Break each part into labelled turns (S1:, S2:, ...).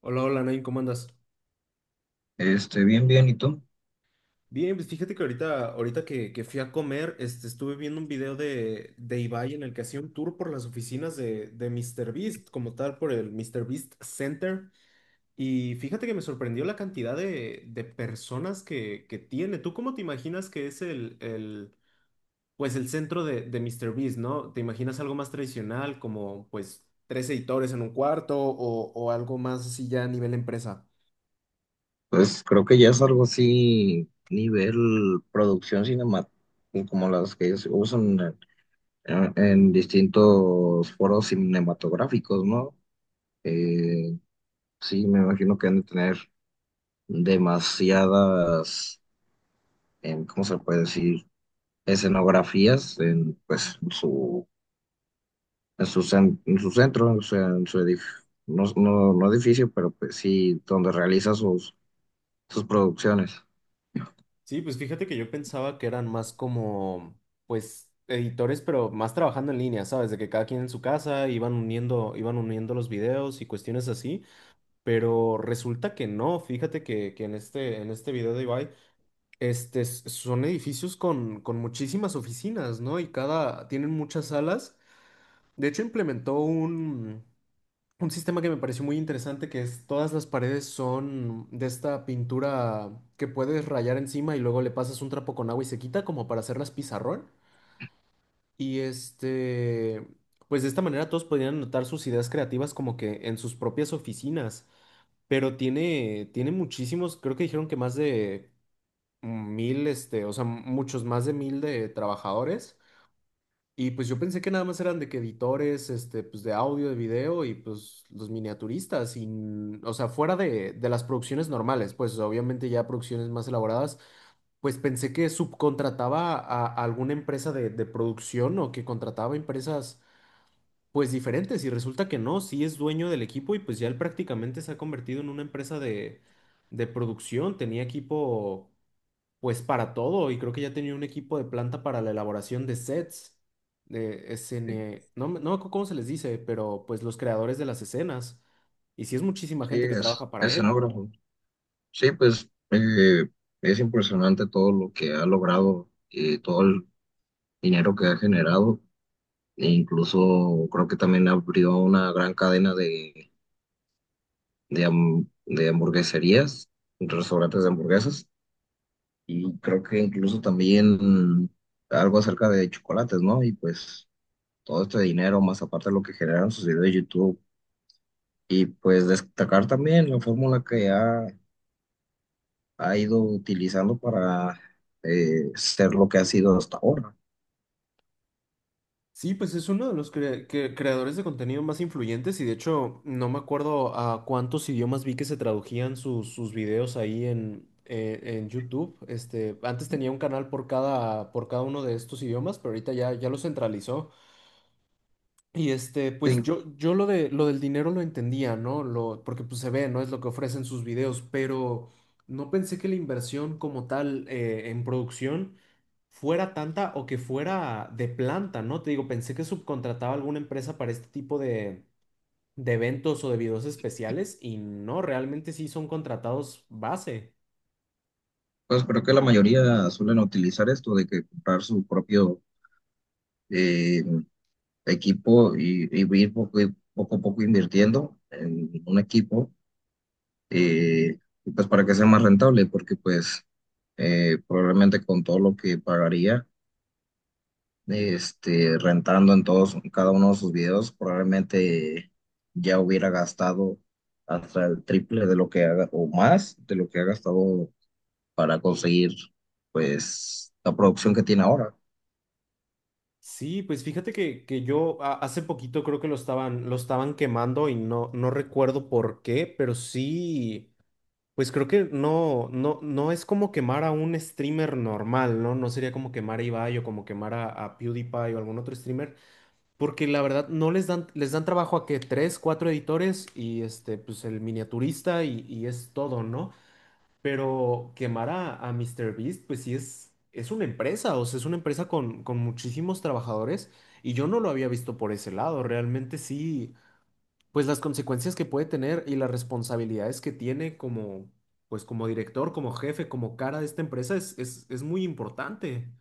S1: Hola, hola, Nain, ¿cómo andas?
S2: Bien, bien, ¿y tú?
S1: Bien, pues fíjate que ahorita que fui a comer, estuve viendo un video de Ibai en el que hacía un tour por las oficinas de Míster Beast como tal, por el Míster Beast Center. Y fíjate que me sorprendió la cantidad de personas que tiene. ¿Tú cómo te imaginas que es el centro de Míster Beast, ¿no? ¿Te imaginas algo más tradicional, como pues tres editores en un cuarto o algo más así ya a nivel empresa?
S2: Pues creo que ya es algo así, nivel producción cinematográfica, como las que ellos usan en distintos foros cinematográficos, ¿no? Eh, sí, me imagino que han de tener demasiadas, ¿cómo se puede decir? Escenografías en, pues, en su, en su, en su centro, o sea, en su edificio, no, no, no edificio, pero pues sí, donde realiza sus, sus producciones.
S1: Sí, pues fíjate que yo pensaba que eran más como, pues, editores, pero más trabajando en línea, ¿sabes? De que cada quien en su casa iban uniendo los videos y cuestiones así, pero resulta que no, fíjate que en este video de Ibai, son edificios con muchísimas oficinas, ¿no? Y tienen muchas salas. De hecho, implementó un sistema que me pareció muy interesante que es todas las paredes son de esta pintura que puedes rayar encima y luego le pasas un trapo con agua y se quita como para hacerlas pizarrón. Y este, pues de esta manera todos podrían anotar sus ideas creativas como que en sus propias oficinas. Pero tiene muchísimos, creo que dijeron que más de 1.000, o sea, muchos más de 1.000 de trabajadores. Y pues yo pensé que nada más eran de que editores, pues de audio, de video y pues los miniaturistas, y o sea, fuera de las producciones normales, pues obviamente ya producciones más elaboradas, pues pensé que subcontrataba a alguna empresa de producción o que contrataba empresas pues diferentes y resulta que no, sí es dueño del equipo y pues ya él prácticamente se ha convertido en una empresa de producción, tenía equipo pues para todo, y creo que ya tenía un equipo de planta para la elaboración de sets, no, no me acuerdo cómo se les dice, pero pues los creadores de las escenas, y sí es muchísima
S2: Sí,
S1: gente que
S2: es
S1: trabaja para él.
S2: escenógrafo. Sí, pues, es impresionante todo lo que ha logrado y todo el dinero que ha generado. E incluso creo que también abrió una gran cadena de, de hamburgueserías, restaurantes de hamburguesas. Y creo que incluso también algo acerca de chocolates, ¿no? Y pues todo este dinero, más aparte de lo que generaron sus videos de YouTube. Y pues destacar también la fórmula que ha ido utilizando para ser lo que ha sido hasta ahora.
S1: Sí, pues es uno de los creadores de contenido más influyentes y de hecho no me acuerdo a cuántos idiomas vi que se tradujían sus videos ahí en YouTube. Antes tenía un canal por cada uno de estos idiomas, pero ahorita ya lo centralizó. Y pues
S2: Sí,
S1: yo lo de lo del dinero lo entendía, ¿no? Porque pues se ve, ¿no? Es lo que ofrecen sus videos, pero no pensé que la inversión como tal en producción fuera tanta o que fuera de planta, ¿no? Te digo, pensé que subcontrataba a alguna empresa para este tipo de eventos o de videos especiales y no, realmente sí son contratados base.
S2: pues creo que la mayoría suelen utilizar esto de que comprar su propio eh, equipo y ir poco, poco a poco invirtiendo en un equipo, eh, y pues para que sea más rentable, porque pues, probablemente con todo lo que pagaría este, rentando en todos, cada uno de sus videos, probablemente ya hubiera gastado hasta el triple de lo que haga, o más de lo que ha gastado para conseguir, pues, la producción que tiene ahora.
S1: Sí, pues fíjate que yo hace poquito creo que lo estaban quemando y no, no recuerdo por qué, pero sí. Pues creo que no, no, no es como quemar a un streamer normal, ¿no? No sería como quemar a Ibai o como quemar a PewDiePie o algún otro streamer, porque la verdad no les dan trabajo a que tres, cuatro editores y pues el miniaturista y es todo, ¿no? Pero quemar a MrBeast, pues sí es una empresa, o sea, es una empresa con muchísimos trabajadores y yo no lo había visto por ese lado, realmente sí pues las consecuencias que puede tener y las responsabilidades que tiene como, pues como director, como jefe, como cara de esta empresa es muy importante.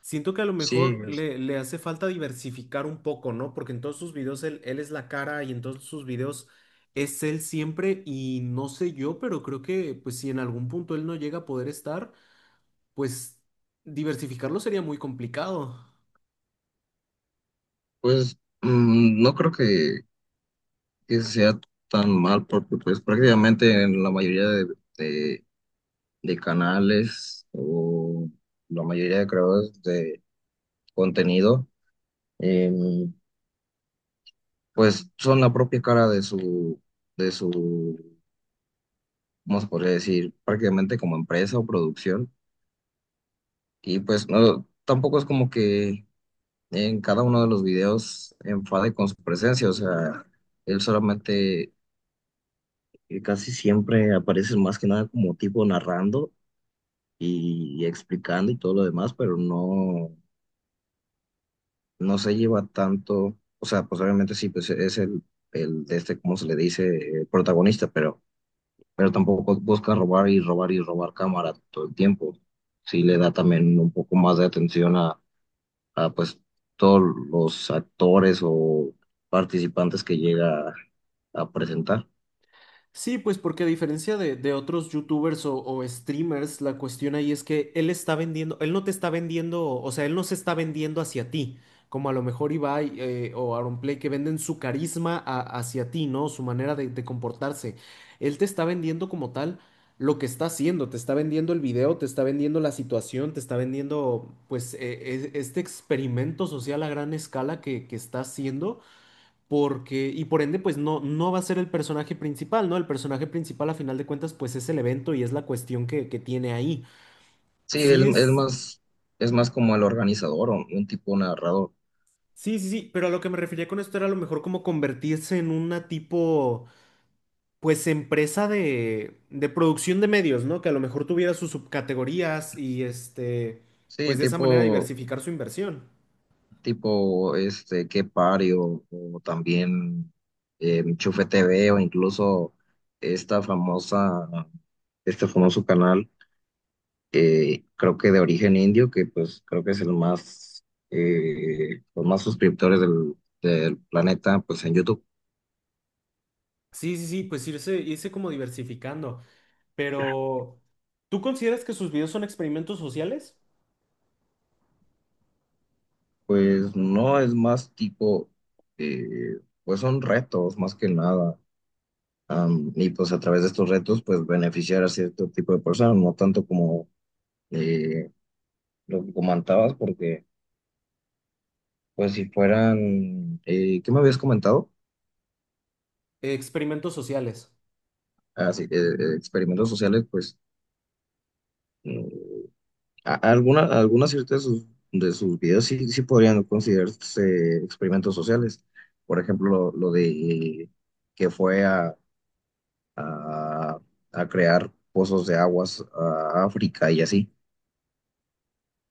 S1: Siento que a lo
S2: Sí,
S1: mejor le hace falta diversificar un poco, ¿no? Porque en todos sus videos él es la cara y en todos sus videos es él siempre y no sé yo, pero creo que pues si en algún punto él no llega a poder estar, pues diversificarlo sería muy complicado.
S2: pues no creo que sea tan mal porque pues prácticamente en la mayoría de, de- de canales o la mayoría de creadores de contenido pues son la propia cara de su, ¿cómo se podría decir? Prácticamente como empresa o producción. Y pues no, tampoco es como que en cada uno de los videos enfade con su presencia, o sea, él solamente casi siempre aparece más que nada como tipo narrando y explicando y todo lo demás, pero no, no se lleva tanto, o sea, pues obviamente sí, pues es el de este, ¿cómo se le dice? Protagonista, pero tampoco busca robar y robar y robar cámara todo el tiempo. Sí le da también un poco más de atención a, pues todos los actores o participantes que llega a presentar.
S1: Sí, pues porque a diferencia de otros youtubers o streamers, la cuestión ahí es que él está vendiendo, él no te está vendiendo, o sea, él no se está vendiendo hacia ti, como a lo mejor Ibai o Aaron Play que venden su carisma hacia ti, ¿no? Su manera de comportarse. Él te está vendiendo como tal lo que está haciendo, te está vendiendo el video, te está vendiendo la situación, te está vendiendo pues este experimento social a gran escala que está haciendo porque, y por ende, pues no, no va a ser el personaje principal, ¿no? El personaje principal, a final de cuentas, pues es el evento y es la cuestión que tiene ahí.
S2: Sí, él,
S1: Sí
S2: él
S1: es,
S2: más, es más como el organizador o un tipo narrador.
S1: sí, sí, sí, pero a lo que me refería con esto era a lo mejor como convertirse en una tipo, pues empresa de producción de medios, ¿no? Que a lo mejor tuviera sus subcategorías y
S2: Sí,
S1: pues de esa manera
S2: tipo,
S1: diversificar su inversión.
S2: tipo este, Qué Party o, o también Chufe TV o incluso esta famosa, este famoso canal creo que de origen indio, que pues creo que es el más, los más suscriptores del, del planeta, pues en YouTube,
S1: Sí, sí, sí, pues irse, irse como diversificando. Pero, ¿tú consideras que sus videos son experimentos sociales?
S2: pues no es más tipo, pues son retos más que nada. Y pues a través de estos retos, pues beneficiar a cierto tipo de personas, no tanto como eh, lo que comentabas, porque pues si fueran, ¿qué me habías comentado?
S1: Experimentos sociales.
S2: Ah, sí, experimentos sociales, pues... Alguna, algunas ciertas de sus videos sí, sí podrían considerarse experimentos sociales. Por ejemplo, lo de que fue a, a crear pozos de aguas a África y así.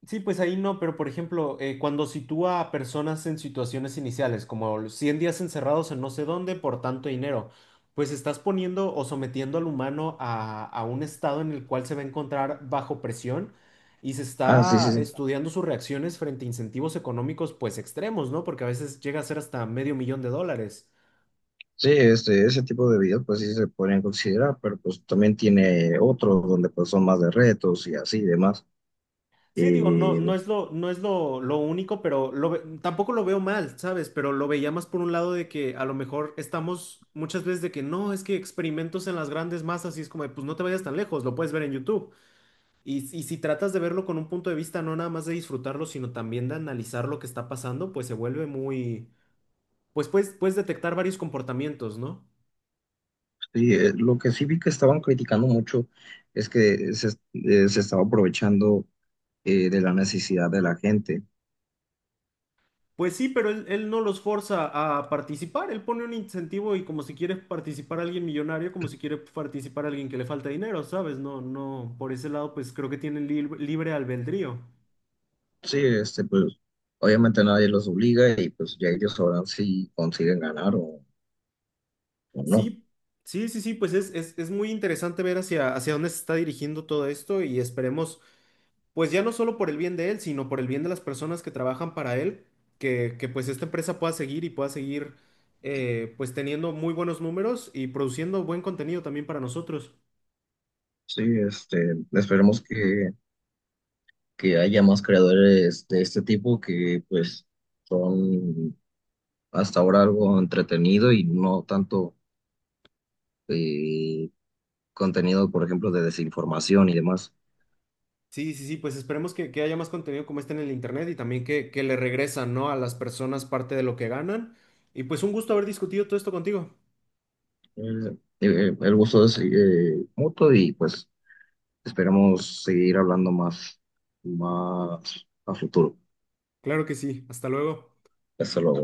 S1: Sí, pues ahí no, pero por ejemplo, cuando sitúa a personas en situaciones iniciales, como 100 días encerrados en no sé dónde por tanto dinero, pues estás poniendo o sometiendo al humano a un estado en el cual se va a encontrar bajo presión y se
S2: Ah, sí,
S1: está
S2: sí, sí.
S1: estudiando sus reacciones frente a incentivos económicos pues extremos, ¿no? Porque a veces llega a ser hasta medio millón de dólares.
S2: Sí, este, ese tipo de videos pues sí se podrían considerar, pero pues también tiene otros donde pues son más de retos y así y demás.
S1: Sí, digo, no, lo único, pero tampoco lo veo mal, ¿sabes? Pero lo veía más por un lado de que a lo mejor estamos muchas veces de que no, es que experimentos en las grandes masas y es como, pues no te vayas tan lejos, lo puedes ver en YouTube. Y si tratas de verlo con un punto de vista, no nada más de disfrutarlo, sino también de analizar lo que está pasando, pues se vuelve muy, pues puedes detectar varios comportamientos, ¿no?
S2: Sí, lo que sí vi que estaban criticando mucho es que se, se estaba aprovechando de la necesidad de la gente.
S1: Pues sí, pero él no los forza a participar, él pone un incentivo y como si quiere participar alguien millonario, como si quiere participar alguien que le falta dinero, ¿sabes? No, no, por ese lado pues creo que tienen libre albedrío.
S2: Sí, este, pues obviamente nadie los obliga y pues ya ellos sabrán si consiguen ganar o no.
S1: Sí, sí, sí, sí, pues es muy interesante ver hacia dónde se está dirigiendo todo esto y esperemos, pues ya no solo por el bien de él, sino por el bien de las personas que trabajan para él, que pues esta empresa pueda seguir y pueda seguir pues teniendo muy buenos números y produciendo buen contenido también para nosotros.
S2: Sí, este, esperemos que haya más creadores de este tipo que pues son hasta ahora algo entretenido y no tanto eh, contenido, por ejemplo, de desinformación y demás.
S1: Sí, sí, sí, pues esperemos que haya más contenido como este en el internet y también que le regresan, ¿no? A las personas parte de lo que ganan. Y pues un gusto haber discutido todo esto contigo.
S2: El, eh, el gusto es mutuo y pues esperamos seguir hablando más, más a futuro.
S1: Claro que sí, hasta luego.
S2: Hasta luego.